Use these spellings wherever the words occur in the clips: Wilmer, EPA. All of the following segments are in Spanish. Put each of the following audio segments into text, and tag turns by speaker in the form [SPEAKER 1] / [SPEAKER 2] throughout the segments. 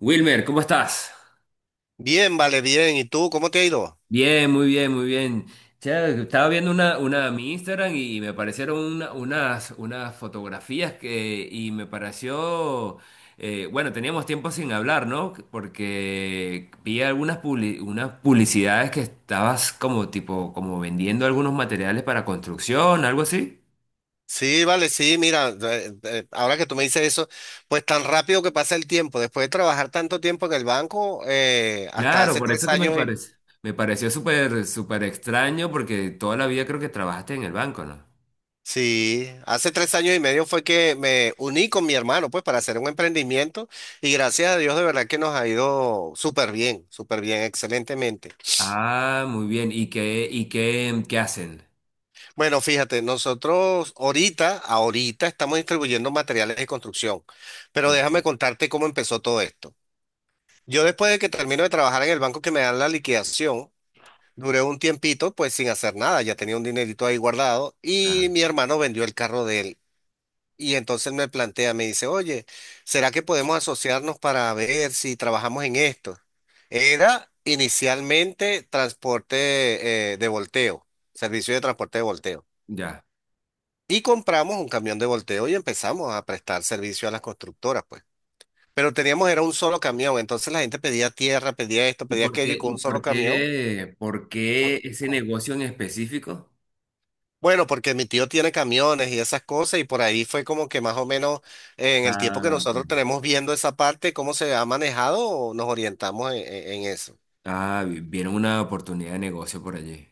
[SPEAKER 1] Wilmer, ¿cómo estás?
[SPEAKER 2] Bien, vale, bien. ¿Y tú cómo te ha ido?
[SPEAKER 1] Bien, muy bien, muy bien. Che, estaba viendo mi Instagram y me aparecieron unas fotografías y me pareció, bueno, teníamos tiempo sin hablar, ¿no? Porque vi unas publicidades que estabas como tipo, como vendiendo algunos materiales para construcción, algo así.
[SPEAKER 2] Sí, vale, sí, mira, ahora que tú me dices eso, pues tan rápido que pasa el tiempo, después de trabajar tanto tiempo en el banco, hasta
[SPEAKER 1] Claro,
[SPEAKER 2] hace
[SPEAKER 1] por
[SPEAKER 2] tres
[SPEAKER 1] eso que me
[SPEAKER 2] años, y-
[SPEAKER 1] parece, me pareció súper extraño porque toda la vida creo que trabajaste en el banco, ¿no?
[SPEAKER 2] sí, hace tres años y medio fue que me uní con mi hermano, pues para hacer un emprendimiento y gracias a Dios de verdad que nos ha ido súper bien, excelentemente.
[SPEAKER 1] Ah, muy bien. ¿Qué hacen?
[SPEAKER 2] Bueno, fíjate, nosotros ahorita estamos distribuyendo materiales de construcción, pero déjame contarte cómo empezó todo esto. Yo después de que termino de trabajar en el banco que me dan la liquidación, duré un tiempito pues sin hacer nada, ya tenía un dinerito ahí guardado y
[SPEAKER 1] Claro.
[SPEAKER 2] mi hermano vendió el carro de él. Y entonces me plantea, me dice, oye, ¿será que podemos asociarnos para ver si trabajamos en esto? Era inicialmente transporte de volteo, servicio de transporte de volteo.
[SPEAKER 1] Ya.
[SPEAKER 2] Y compramos un camión de volteo y empezamos a prestar servicio a las constructoras, pues. Pero teníamos, era un solo camión, entonces la gente pedía tierra, pedía esto, pedía aquello y con un solo camión.
[SPEAKER 1] ¿Por qué ese negocio en específico?
[SPEAKER 2] Bueno, porque mi tío tiene camiones y esas cosas y por ahí fue como que más o menos en el tiempo que
[SPEAKER 1] Ah, ok.
[SPEAKER 2] nosotros tenemos viendo esa parte, cómo se ha manejado, nos orientamos en eso.
[SPEAKER 1] Ah, vieron una oportunidad de negocio por allí.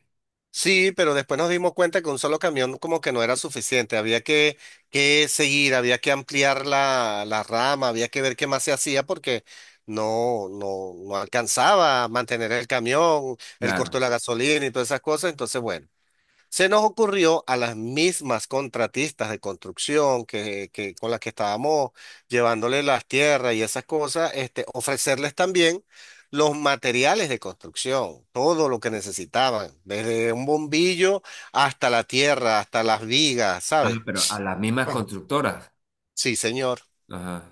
[SPEAKER 2] Sí, pero después nos dimos cuenta que un solo camión como que no era suficiente, había que seguir, había que ampliar la rama, había que ver qué más se hacía porque no alcanzaba a mantener el camión, el costo
[SPEAKER 1] Claro.
[SPEAKER 2] de la gasolina y todas esas cosas, entonces bueno. Se nos ocurrió a las mismas contratistas de construcción con las que estábamos llevándole las tierras y esas cosas, este, ofrecerles también los materiales de construcción, todo lo que necesitaban, desde un bombillo hasta la tierra, hasta las vigas, ¿sabes?
[SPEAKER 1] Ah, pero a las mismas constructoras.
[SPEAKER 2] Sí, señor.
[SPEAKER 1] Ajá.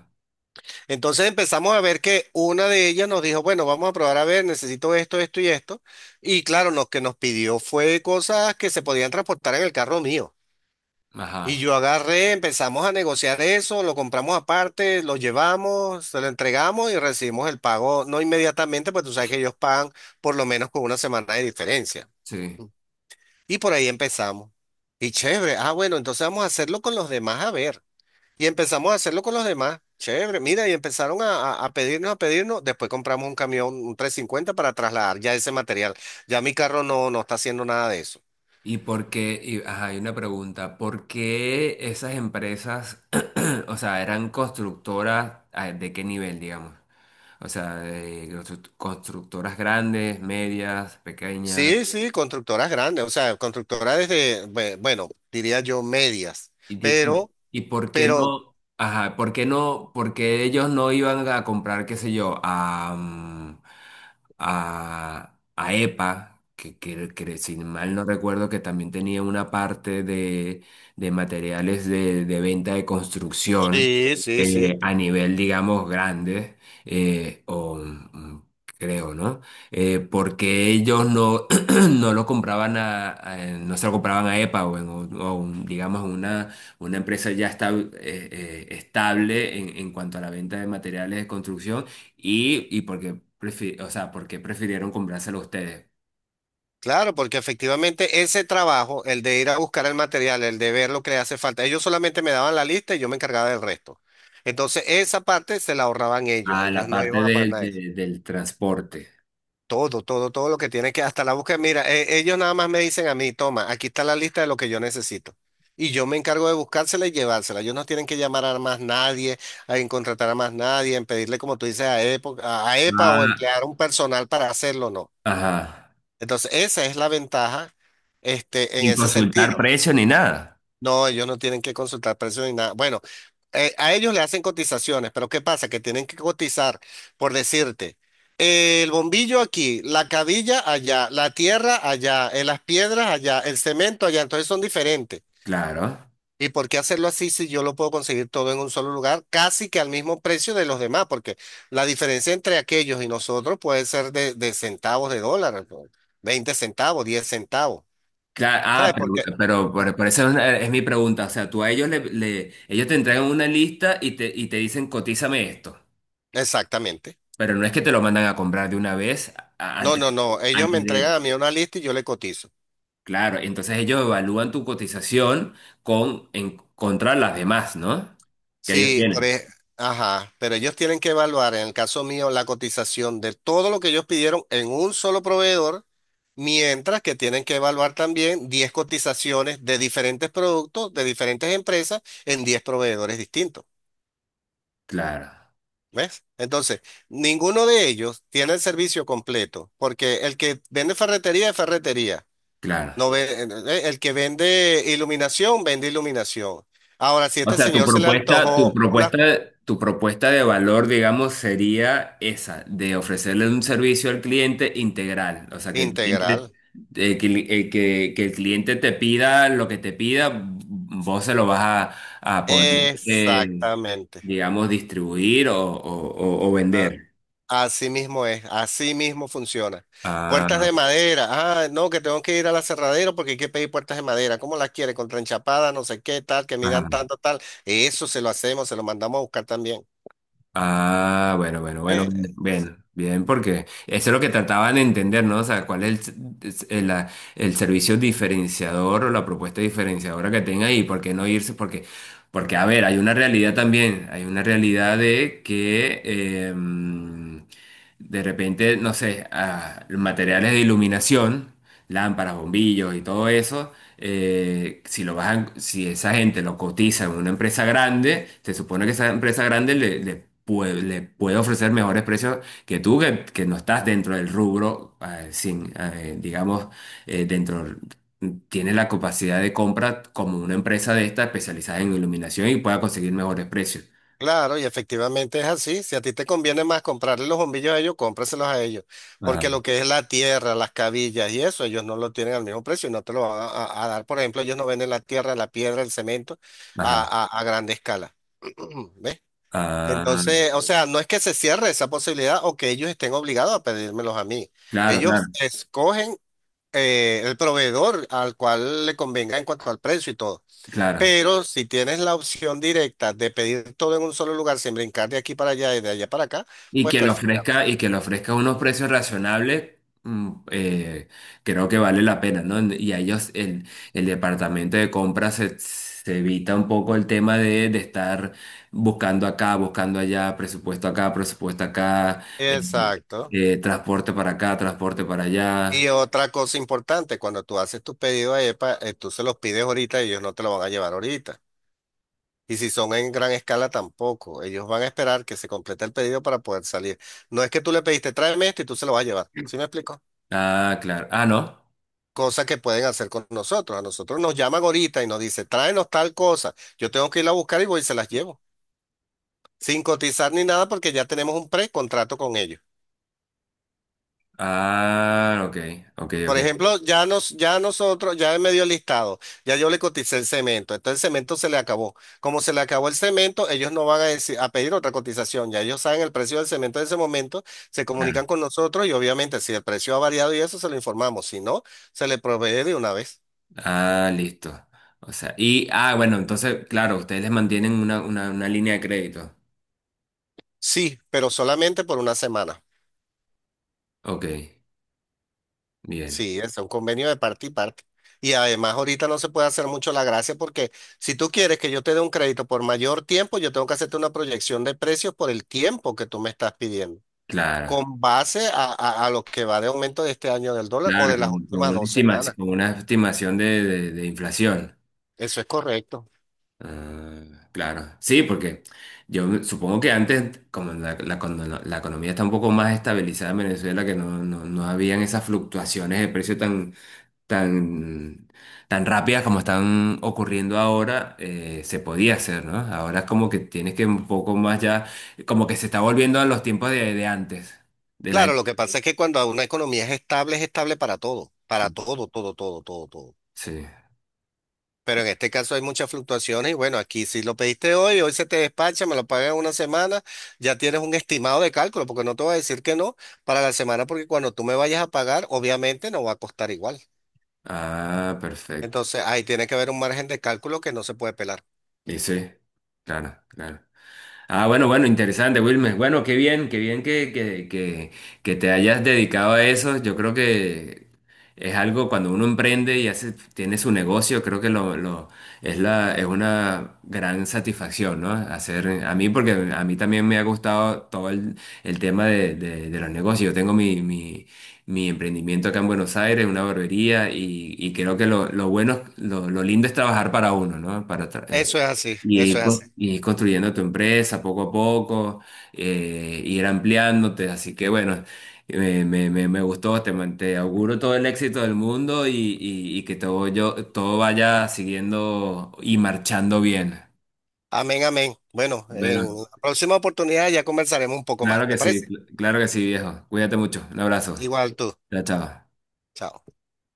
[SPEAKER 2] Entonces empezamos a ver que una de ellas nos dijo, bueno, vamos a probar a ver, necesito esto, esto y esto. Y claro, lo que nos pidió fue cosas que se podían transportar en el carro mío. Y
[SPEAKER 1] Ajá.
[SPEAKER 2] yo agarré, empezamos a negociar eso, lo compramos aparte, lo llevamos, se lo entregamos y recibimos el pago, no inmediatamente, pues tú sabes que ellos pagan por lo menos con una semana de diferencia.
[SPEAKER 1] Sí.
[SPEAKER 2] Y por ahí empezamos. Y chévere, ah, bueno, entonces vamos a hacerlo con los demás, a ver. Y empezamos a hacerlo con los demás. Chévere, mira, y empezaron a pedirnos, a pedirnos. Después compramos un camión, un 350 para trasladar ya ese material. Ya mi carro no, no está haciendo nada de eso.
[SPEAKER 1] ¿Y por qué? Y- ajá, hay una pregunta. ¿Por qué esas empresas, o sea, eran constructoras, ah, de qué nivel, digamos? O sea, constructoras grandes, medias, pequeñas?
[SPEAKER 2] Sí, sí, constructoras grandes, o sea, constructoras desde, bueno, diría yo medias,
[SPEAKER 1] Y, di- y,
[SPEAKER 2] pero, pero,
[SPEAKER 1] ¿por qué ellos no iban a comprar, qué sé yo, a EPA, que si mal no recuerdo que también tenía una parte de materiales de venta de construcción,
[SPEAKER 2] sí, sí, sí,
[SPEAKER 1] a nivel, digamos, grande, eh, o mm, creo, ¿no? ¿Porque ellos no, no lo compraban no se lo compraban a EPA o en un- o un, digamos, una empresa ya está, estable en cuanto a la venta de materiales de construcción y, y por qué, o sea, por qué prefirieron comprárselo a ustedes?
[SPEAKER 2] claro, porque efectivamente ese trabajo, el de ir a buscar el material, el de ver lo que le hace falta, ellos solamente me daban la lista y yo me encargaba del resto. Entonces, esa parte se la ahorraban ellos,
[SPEAKER 1] Ah,
[SPEAKER 2] ellos
[SPEAKER 1] la
[SPEAKER 2] no
[SPEAKER 1] parte
[SPEAKER 2] iban a pagar nada.
[SPEAKER 1] del transporte.
[SPEAKER 2] Todo, todo, todo lo que tiene que, hasta la búsqueda. Mira, ellos nada más me dicen a mí, toma, aquí está la lista de lo que yo necesito. Y yo me encargo de buscársela y llevársela. Ellos no tienen que llamar a más nadie, a en contratar a más nadie, en pedirle, como tú dices, a EPO a a EPA o
[SPEAKER 1] Ah,
[SPEAKER 2] emplear un personal para hacerlo, no.
[SPEAKER 1] ajá.
[SPEAKER 2] Entonces, esa es la ventaja, este, en
[SPEAKER 1] Sin
[SPEAKER 2] ese
[SPEAKER 1] consultar
[SPEAKER 2] sentido.
[SPEAKER 1] precio ni nada.
[SPEAKER 2] No, ellos no tienen que consultar precios ni nada. Bueno, a ellos le hacen cotizaciones, pero ¿qué pasa? Que tienen que cotizar, por decirte, el bombillo aquí, la cabilla allá, la tierra allá, las piedras allá, el cemento allá, entonces son diferentes.
[SPEAKER 1] Claro.
[SPEAKER 2] ¿Y por qué hacerlo así si yo lo puedo conseguir todo en un solo lugar, casi que al mismo precio de los demás? Porque la diferencia entre aquellos y nosotros puede ser de centavos de dólar, ¿no? 20 centavos, 10 centavos.
[SPEAKER 1] Claro, ah,
[SPEAKER 2] ¿Sabes? Porque, ah,
[SPEAKER 1] por eso es, es mi pregunta. O sea, tú a ellos ellos te entregan una lista y te dicen, cotízame esto.
[SPEAKER 2] exactamente.
[SPEAKER 1] Pero no es que te lo mandan a comprar de una vez
[SPEAKER 2] No,
[SPEAKER 1] antes,
[SPEAKER 2] no, no. Ellos me
[SPEAKER 1] antes
[SPEAKER 2] entregan
[SPEAKER 1] de...
[SPEAKER 2] a mí una lista y yo le cotizo.
[SPEAKER 1] Claro, entonces ellos evalúan tu cotización con, en, contra las demás, ¿no? Que ellos
[SPEAKER 2] Sí, por
[SPEAKER 1] tienen.
[SPEAKER 2] e- ajá, pero ellos tienen que evaluar, en el caso mío, la cotización de todo lo que ellos pidieron en un solo proveedor, mientras que tienen que evaluar también 10 cotizaciones de diferentes productos, de diferentes empresas, en 10 proveedores distintos.
[SPEAKER 1] Claro,
[SPEAKER 2] ¿Ves? Entonces, ninguno de ellos tiene el servicio completo, porque el que vende ferretería es ferretería.
[SPEAKER 1] claro.
[SPEAKER 2] No ve- el que vende iluminación, vende iluminación. Ahora, si a
[SPEAKER 1] O
[SPEAKER 2] este
[SPEAKER 1] sea,
[SPEAKER 2] señor se le antojó una
[SPEAKER 1] tu propuesta de valor, digamos, sería esa, de ofrecerle un servicio al cliente integral. O sea, que el cliente,
[SPEAKER 2] integral.
[SPEAKER 1] que el cliente te pida lo que te pida, vos se lo vas a poder, eh,
[SPEAKER 2] Exactamente.
[SPEAKER 1] digamos, distribuir o, o
[SPEAKER 2] A-
[SPEAKER 1] vender.
[SPEAKER 2] Así mismo es, así mismo funciona. Puertas
[SPEAKER 1] Ah,
[SPEAKER 2] de madera. Ah, no, que tengo que ir a la cerradera porque hay que pedir puertas de madera. ¿Cómo las quiere? Con tranchapada, no sé qué, tal, que midan
[SPEAKER 1] ajá.
[SPEAKER 2] tanto, tal. Eso se lo hacemos, se lo mandamos a buscar también.
[SPEAKER 1] Ah, bueno,
[SPEAKER 2] Eh, eh,
[SPEAKER 1] bien, bien, porque eso es lo que trataban de entender, ¿no? O sea, cuál es el servicio diferenciador o la propuesta diferenciadora que tenga y por qué no irse, a ver, hay una realidad también, hay una realidad de que em, de repente, no sé, ah, los materiales de iluminación, lámparas, bombillos y todo eso, si esa gente lo cotiza en una empresa grande, se supone que esa empresa grande le puede ofrecer mejores precios que tú, que no estás dentro del rubro, sin, digamos, eh, dentro, tiene la capacidad de compra como una empresa de esta especializada en iluminación y pueda conseguir mejores precios.
[SPEAKER 2] Claro, y efectivamente es así. Si a ti te conviene más comprarle los bombillos a ellos, cómpraselos a ellos.
[SPEAKER 1] Ajá,
[SPEAKER 2] Porque lo que es la tierra, las cabillas y eso, ellos no lo tienen al mismo precio y no te lo van a dar. Por ejemplo, ellos no venden la tierra, la piedra, el cemento
[SPEAKER 1] ajá.
[SPEAKER 2] a grande escala. ¿Ves?
[SPEAKER 1] Ah,
[SPEAKER 2] Entonces, o sea, no es que se cierre esa posibilidad o que ellos estén obligados a pedírmelos a mí.
[SPEAKER 1] claro, claro,
[SPEAKER 2] Ellos escogen el proveedor al cual le convenga en cuanto al precio y todo.
[SPEAKER 1] claro.
[SPEAKER 2] Pero si tienes la opción directa de pedir todo en un solo lugar sin brincar de aquí para allá y de allá para acá,
[SPEAKER 1] Y
[SPEAKER 2] pues
[SPEAKER 1] que le
[SPEAKER 2] perfecto.
[SPEAKER 1] ofrezca, y que le ofrezca unos precios razonables, mm, creo que vale la pena, ¿no? Y a ellos, el departamento de compras se, se evita un poco el tema de estar buscando acá, buscando allá, presupuesto acá,
[SPEAKER 2] Exacto.
[SPEAKER 1] transporte para acá, transporte para
[SPEAKER 2] Y
[SPEAKER 1] allá.
[SPEAKER 2] otra cosa importante, cuando tú haces tu pedido a EPA, tú se los pides ahorita y ellos no te lo van a llevar ahorita. Y si son en gran escala tampoco, ellos van a esperar que se complete el pedido para poder salir. No es que tú le pediste, tráeme esto y tú se lo vas a llevar. ¿Sí me explico?
[SPEAKER 1] Ah, claro. Ah, no.
[SPEAKER 2] Cosa que pueden hacer con nosotros. A nosotros nos llaman ahorita y nos dice tráenos tal cosa. Yo tengo que ir a buscar y voy y se las llevo, sin cotizar ni nada porque ya tenemos un precontrato con ellos.
[SPEAKER 1] Ah, ok, ok, ok.
[SPEAKER 2] Por ejemplo, ya nosotros, ya me dio el listado, ya yo le coticé el cemento, entonces el cemento se le acabó. Como se le acabó el cemento, ellos no van a decir, a pedir otra cotización, ya ellos saben el precio del cemento en ese momento, se
[SPEAKER 1] Claro.
[SPEAKER 2] comunican con nosotros y obviamente si el precio ha variado y eso se lo informamos, si no, se le provee de una vez.
[SPEAKER 1] Ah, listo. O sea, y, ah, bueno, entonces, claro, ustedes les mantienen una línea de crédito.
[SPEAKER 2] Sí, pero solamente por una semana.
[SPEAKER 1] Ok, bien,
[SPEAKER 2] Sí, es un convenio de parte y parte. Y además ahorita no se puede hacer mucho la gracia porque si tú quieres que yo te dé un crédito por mayor tiempo, yo tengo que hacerte una proyección de precios por el tiempo que tú me estás pidiendo,
[SPEAKER 1] claro,
[SPEAKER 2] con base a lo que va de aumento de este año del dólar o
[SPEAKER 1] claro,
[SPEAKER 2] de las
[SPEAKER 1] con,
[SPEAKER 2] últimas dos semanas.
[SPEAKER 1] con una estimación de, de inflación.
[SPEAKER 2] Eso es correcto.
[SPEAKER 1] Ah, claro, sí, porque yo supongo que antes, como la economía está un poco más estabilizada en Venezuela, que no habían esas fluctuaciones de precio tan, tan rápidas como están ocurriendo ahora, se podía hacer, ¿no? Ahora es como que tienes que un poco más ya, como que se está volviendo a los tiempos de antes, de la...
[SPEAKER 2] Claro, lo que pasa es que cuando una economía es estable para todo, todo, todo, todo, todo.
[SPEAKER 1] Sí.
[SPEAKER 2] Pero en este caso hay muchas fluctuaciones y bueno, aquí si lo pediste hoy, hoy se te despacha, me lo pagas en una semana, ya tienes un estimado de cálculo, porque no te voy a decir que no para la semana, porque cuando tú me vayas a pagar, obviamente no va a costar igual.
[SPEAKER 1] Ah, perfecto.
[SPEAKER 2] Entonces ahí tiene que haber un margen de cálculo que no se puede pelar.
[SPEAKER 1] Y sí, claro, claro. Ah, bueno, bueno, interesante, Wilmer. Bueno, qué bien que te hayas dedicado a eso. Yo creo que es algo cuando uno emprende y hace, tiene su negocio, creo que es es una gran satisfacción, ¿no? Hacer, a mí, porque a mí también me ha gustado todo el tema de los negocios. Yo tengo mi emprendimiento acá en Buenos Aires, una barbería, y creo que lo bueno, lo lindo es trabajar para uno, ¿no? Para,
[SPEAKER 2] Eso es así,
[SPEAKER 1] y
[SPEAKER 2] eso
[SPEAKER 1] ir,
[SPEAKER 2] es así.
[SPEAKER 1] y ir construyendo tu empresa poco a poco, ir ampliándote. Así que bueno, me gustó, te, te auguro todo el éxito del mundo y que todo, yo, todo vaya siguiendo y marchando bien.
[SPEAKER 2] Amén, amén. Bueno,
[SPEAKER 1] Bueno,
[SPEAKER 2] en la próxima oportunidad ya conversaremos un poco
[SPEAKER 1] claro
[SPEAKER 2] más, ¿te
[SPEAKER 1] que sí,
[SPEAKER 2] parece?
[SPEAKER 1] claro que sí, viejo. Cuídate mucho. Un abrazo.
[SPEAKER 2] Igual tú.
[SPEAKER 1] Chao, chao.